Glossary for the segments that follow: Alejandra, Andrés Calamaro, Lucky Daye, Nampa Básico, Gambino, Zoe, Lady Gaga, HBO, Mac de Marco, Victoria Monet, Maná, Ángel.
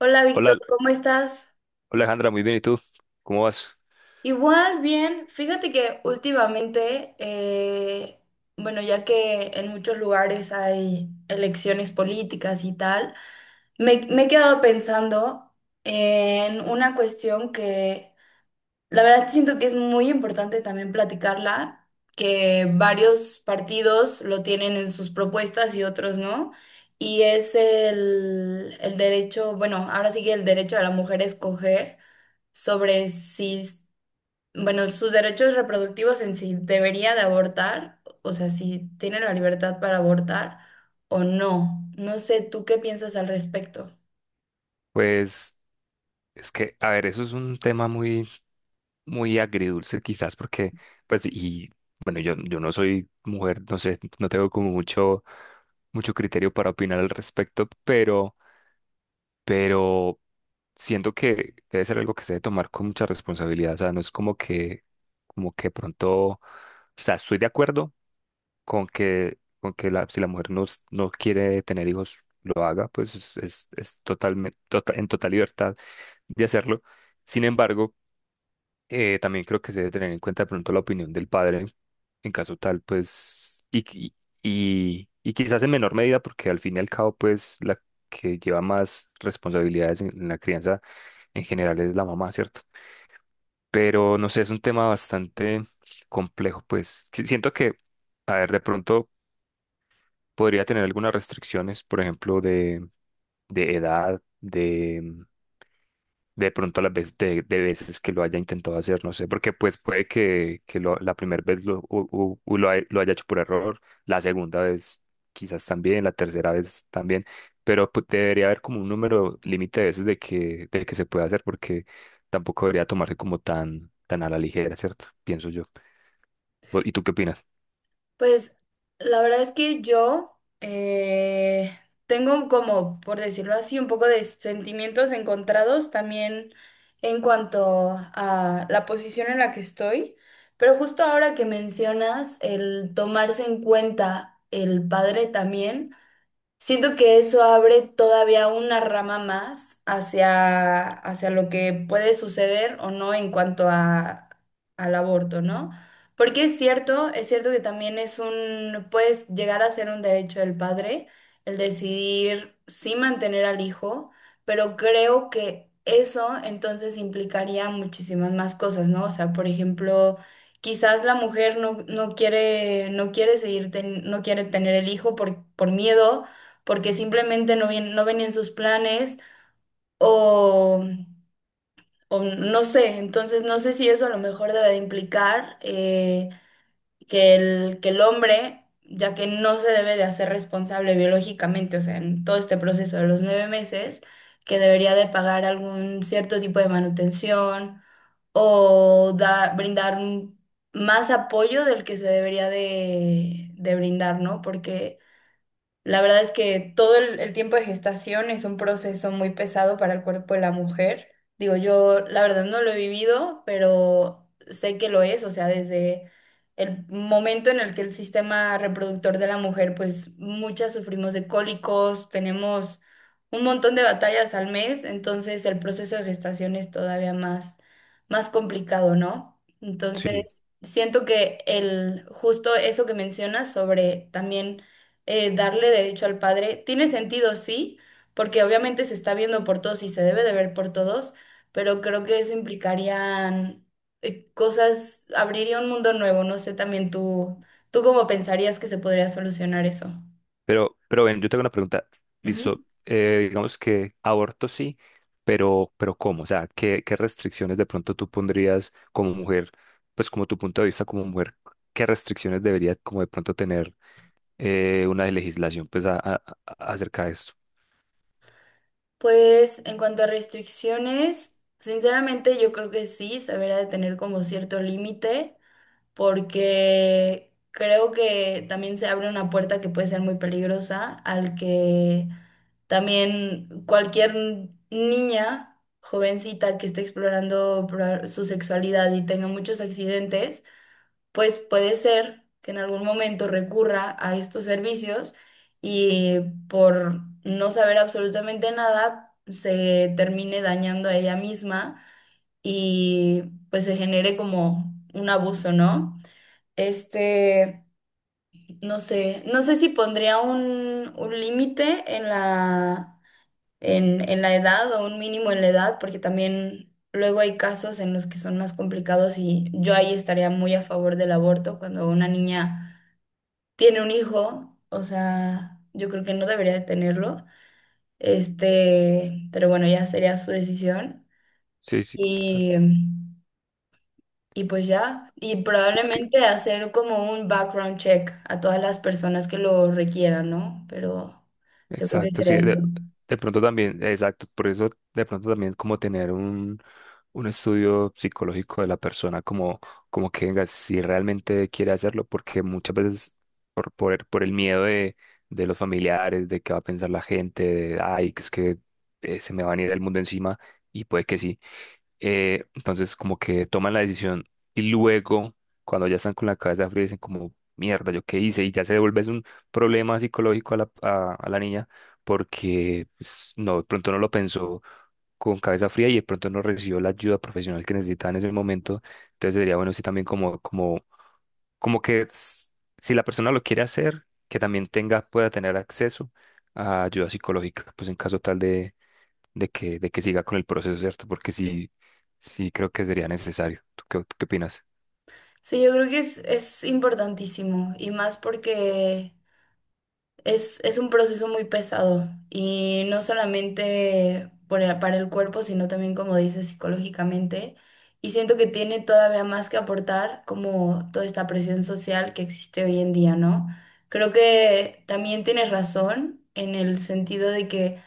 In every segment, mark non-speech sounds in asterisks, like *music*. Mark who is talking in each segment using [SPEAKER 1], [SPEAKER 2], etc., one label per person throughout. [SPEAKER 1] Hola
[SPEAKER 2] Hola,
[SPEAKER 1] Víctor,
[SPEAKER 2] hola,
[SPEAKER 1] ¿cómo estás?
[SPEAKER 2] Alejandra, muy bien, ¿y tú? ¿Cómo vas?
[SPEAKER 1] Igual, bien. Fíjate que últimamente, bueno, ya que en muchos lugares hay elecciones políticas y tal, me he quedado pensando en una cuestión que la verdad siento que es muy importante también platicarla, que varios partidos lo tienen en sus propuestas y otros no. Y es el derecho, bueno, ahora sí que el derecho de la mujer a escoger sobre si, bueno, sus derechos reproductivos en si debería de abortar, o sea, si tiene la libertad para abortar o no. No sé, ¿tú qué piensas al respecto?
[SPEAKER 2] Pues es que, a ver, eso es un tema muy, muy agridulce quizás porque, pues, y bueno, yo no soy mujer, no sé, no tengo como mucho, mucho criterio para opinar al respecto, pero siento que debe ser algo que se debe tomar con mucha responsabilidad, o sea, no es como que pronto, o sea, estoy de acuerdo, con que la, si la mujer no, no quiere tener hijos, lo haga, pues es totalmente, en total libertad de hacerlo. Sin embargo, también creo que se debe tener en cuenta de pronto la opinión del padre, en caso tal, pues, y, quizás en menor medida, porque al fin y al cabo, pues, la que lleva más responsabilidades en la crianza en general es la mamá, ¿cierto? Pero no sé, es un tema bastante complejo, pues. Siento que, a ver, de pronto podría tener algunas restricciones, por ejemplo, de edad, de pronto a las veces, de veces que lo haya intentado hacer, no sé, porque pues puede que la primera vez lo, u- u- u lo, lo haya hecho por error, la segunda vez quizás también, la tercera vez también, pero pues, debería haber como un número límite de veces de que se puede hacer, porque tampoco debería tomarse como tan, tan a la ligera, ¿cierto? Pienso yo. ¿Y tú qué opinas?
[SPEAKER 1] Pues la verdad es que yo tengo como, por decirlo así, un poco de sentimientos encontrados también en cuanto a la posición en la que estoy, pero justo ahora que mencionas el tomarse en cuenta el padre también. Siento que eso abre todavía una rama más hacia, hacia lo que puede suceder o no en cuanto a, al aborto, ¿no? Porque es cierto que también es un, puedes llegar a ser un derecho del padre el decidir sí mantener al hijo, pero creo que eso entonces implicaría muchísimas más cosas, ¿no? O sea, por ejemplo... Quizás la mujer no, no quiere, no quiere seguir no quiere tener el hijo por miedo, porque simplemente no, no venían sus planes o, o no sé, entonces no sé si eso a lo mejor debe de implicar que que el hombre, ya que no se debe de hacer responsable biológicamente, o sea, en todo este proceso de los 9 meses, que debería de pagar algún cierto tipo de manutención o brindar más apoyo del que se debería de brindar, ¿no? Porque... La verdad es que todo el tiempo de gestación es un proceso muy pesado para el cuerpo de la mujer. Digo, yo la verdad no lo he vivido, pero sé que lo es, o sea, desde el momento en el que el sistema reproductor de la mujer, pues muchas sufrimos de cólicos, tenemos un montón de batallas al mes, entonces el proceso de gestación es todavía más, más complicado, ¿no?
[SPEAKER 2] Sí.
[SPEAKER 1] Entonces, siento que el justo eso que mencionas sobre también darle derecho al padre. Tiene sentido, sí, porque obviamente se está viendo por todos y se debe de ver por todos, pero creo que eso implicaría cosas, abriría un mundo nuevo. No sé también tú cómo pensarías que se podría solucionar eso.
[SPEAKER 2] Pero ven, yo tengo una pregunta.
[SPEAKER 1] Ujú.
[SPEAKER 2] Listo, digamos que aborto sí, pero ¿cómo? O sea, ¿qué restricciones de pronto tú pondrías como mujer, pues como tu punto de vista como mujer, qué restricciones debería como de pronto tener una legislación pues acerca de esto?
[SPEAKER 1] Pues en cuanto a restricciones, sinceramente yo creo que sí, se debería de tener como cierto límite, porque creo que también se abre una puerta que puede ser muy peligrosa al que también cualquier niña jovencita que esté explorando su sexualidad y tenga muchos accidentes, pues puede ser que en algún momento recurra a estos servicios y por no saber absolutamente nada se termine dañando a ella misma y pues se genere como un abuso, ¿no? Este, no sé, no sé si pondría un límite en la en la edad o un mínimo en la edad, porque también luego hay casos en los que son más complicados y yo ahí estaría muy a favor del aborto cuando una niña tiene un hijo, o sea, yo creo que no debería de tenerlo, este, pero bueno, ya sería su decisión
[SPEAKER 2] Sí, sí, total.
[SPEAKER 1] y, y pues ya, y
[SPEAKER 2] Es que,
[SPEAKER 1] probablemente hacer como un background check a todas las personas que lo requieran, ¿no? Pero yo creo que
[SPEAKER 2] exacto, sí,
[SPEAKER 1] sería eso.
[SPEAKER 2] de pronto también, exacto, por eso de pronto también como tener un estudio psicológico de la persona, como, como que venga, si realmente quiere hacerlo, porque muchas veces por el miedo de los familiares, de qué va a pensar la gente, de, ay, que es que se me va a venir el mundo encima, y puede que sí, entonces como que toman la decisión y luego cuando ya están con la cabeza fría dicen como, mierda, ¿yo qué hice? Y ya se devuelve es un problema psicológico a a la niña porque pues, no, de pronto no lo pensó con cabeza fría y de pronto no recibió la ayuda profesional que necesitaba en ese momento. Entonces sería bueno sí también como que si la persona lo quiere hacer, que también tenga, pueda tener acceso a ayuda psicológica, pues en caso tal de que siga con el proceso, ¿cierto? Porque sí, sí creo que sería necesario. ¿Tú qué opinas?
[SPEAKER 1] Sí, yo creo que es importantísimo y más porque es un proceso muy pesado y no solamente por para el cuerpo, sino también, como dices, psicológicamente. Y siento que tiene todavía más que aportar como toda esta presión social que existe hoy en día, ¿no? Creo que también tienes razón en el sentido de que...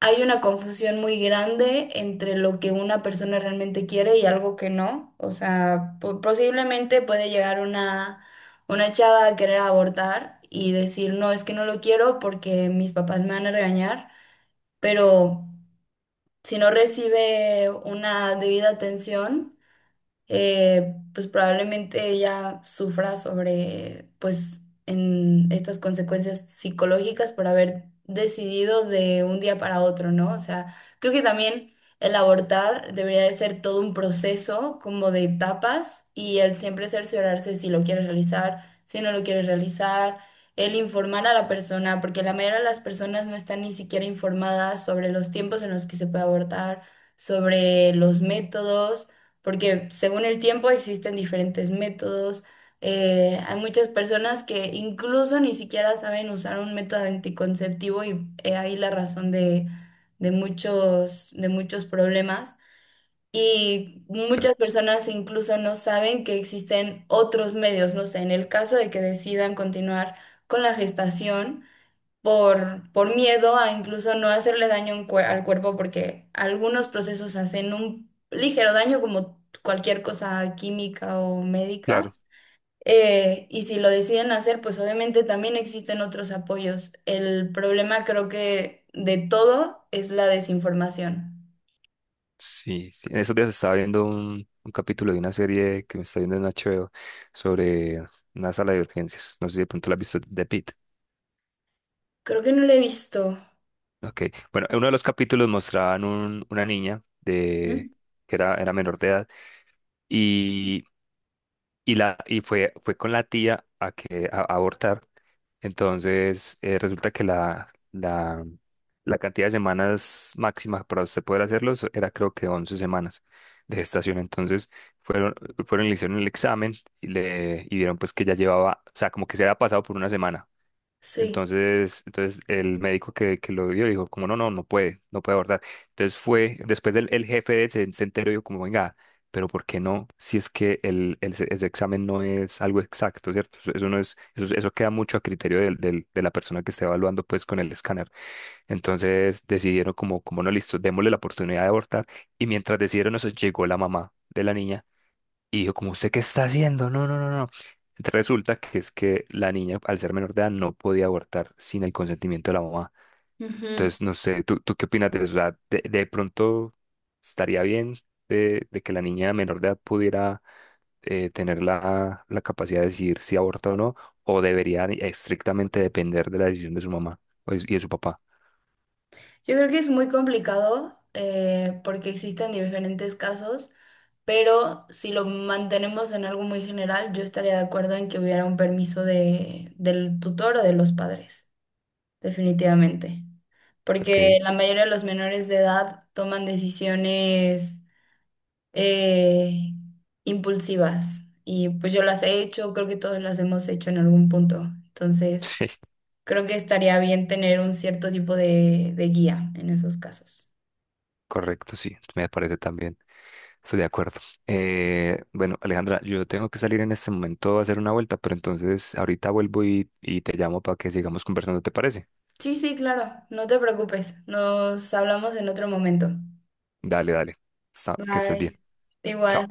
[SPEAKER 1] Hay una confusión muy grande entre lo que una persona realmente quiere y algo que no. O sea, posiblemente puede llegar una chava a querer abortar y decir, no, es que no lo quiero porque mis papás me van a regañar, pero si no recibe una debida atención, pues probablemente ella sufra sobre, pues, en estas consecuencias psicológicas por haber decidido de un día para otro, ¿no? O sea, creo que también el abortar debería de ser todo un proceso como de etapas y el siempre cerciorarse si lo quieres realizar, si no lo quieres realizar. El informar a la persona, porque la mayoría de las personas no están ni siquiera informadas sobre los tiempos en los que se puede abortar, sobre los métodos, porque según el tiempo existen diferentes métodos. Hay muchas personas que incluso ni siquiera saben usar un método anticonceptivo y he ahí la razón de muchos problemas. Y muchas
[SPEAKER 2] Exacto.
[SPEAKER 1] personas incluso no saben que existen otros medios, no sé, en el caso de que decidan continuar con la gestación por miedo a incluso no hacerle daño en al cuerpo, porque algunos procesos hacen un ligero daño, como cualquier cosa química o médica.
[SPEAKER 2] Claro,
[SPEAKER 1] Y si lo deciden hacer, pues obviamente también existen otros apoyos. El problema creo que de todo es la desinformación.
[SPEAKER 2] sí, sí. En esos días estaba viendo un capítulo de una serie que me está viendo en HBO sobre una sala de urgencias. No sé si de pronto la has visto, de Pitt.
[SPEAKER 1] Creo que no lo he visto.
[SPEAKER 2] Ok, bueno, en uno de los capítulos mostraban una niña de,
[SPEAKER 1] Ujú.
[SPEAKER 2] que era, era menor de edad y, y fue, fue con la tía a abortar. Entonces, resulta que la cantidad de semanas máxima para usted poder hacerlo era creo que 11 semanas de gestación. Entonces, fueron, fueron y le hicieron el examen y, y vieron pues que ya llevaba, o sea, como que se había pasado por una semana.
[SPEAKER 1] Sí.
[SPEAKER 2] Entonces el médico que lo vio dijo, como no, no, no puede, no puede abortar. Entonces fue, después del el jefe de él se enteró y dijo, como venga, pero ¿por qué no? Si es que ese examen no es algo exacto, ¿cierto? Eso no es, eso queda mucho a criterio de la persona que esté evaluando pues con el escáner. Entonces decidieron como, como no, listo, démosle la oportunidad de abortar. Y mientras decidieron eso, llegó la mamá de la niña y yo como, ¿usted qué está haciendo? No, no, no, no. Resulta que es que la niña, al ser menor de edad, no podía abortar sin el consentimiento de la mamá.
[SPEAKER 1] Ujú.
[SPEAKER 2] Entonces, no sé, ¿tú qué opinas de eso? O sea, de pronto estaría bien de que la niña menor de edad pudiera tener la capacidad de decidir si aborta o no, o debería estrictamente depender de la decisión de su mamá y de su papá.
[SPEAKER 1] Yo creo que es muy complicado porque existen diferentes casos, pero si lo mantenemos en algo muy general, yo estaría de acuerdo en que hubiera un permiso de, del tutor o de los padres, definitivamente.
[SPEAKER 2] Ok,
[SPEAKER 1] Porque la
[SPEAKER 2] *laughs*
[SPEAKER 1] mayoría de los menores de edad toman decisiones eh, impulsivas y pues yo las he hecho, creo que todos las hemos hecho en algún punto. Entonces,
[SPEAKER 2] sí,
[SPEAKER 1] creo que estaría bien tener un cierto tipo de guía en esos casos.
[SPEAKER 2] correcto, sí, me parece también. Estoy de acuerdo. Bueno, Alejandra, yo tengo que salir en este momento a hacer una vuelta, pero entonces ahorita vuelvo y te llamo para que sigamos conversando, ¿te parece?
[SPEAKER 1] Sí, sí, claro, no te preocupes. Nos hablamos en otro momento.
[SPEAKER 2] Dale, dale. Que estés bien.
[SPEAKER 1] Bye.
[SPEAKER 2] Chao.
[SPEAKER 1] Igual.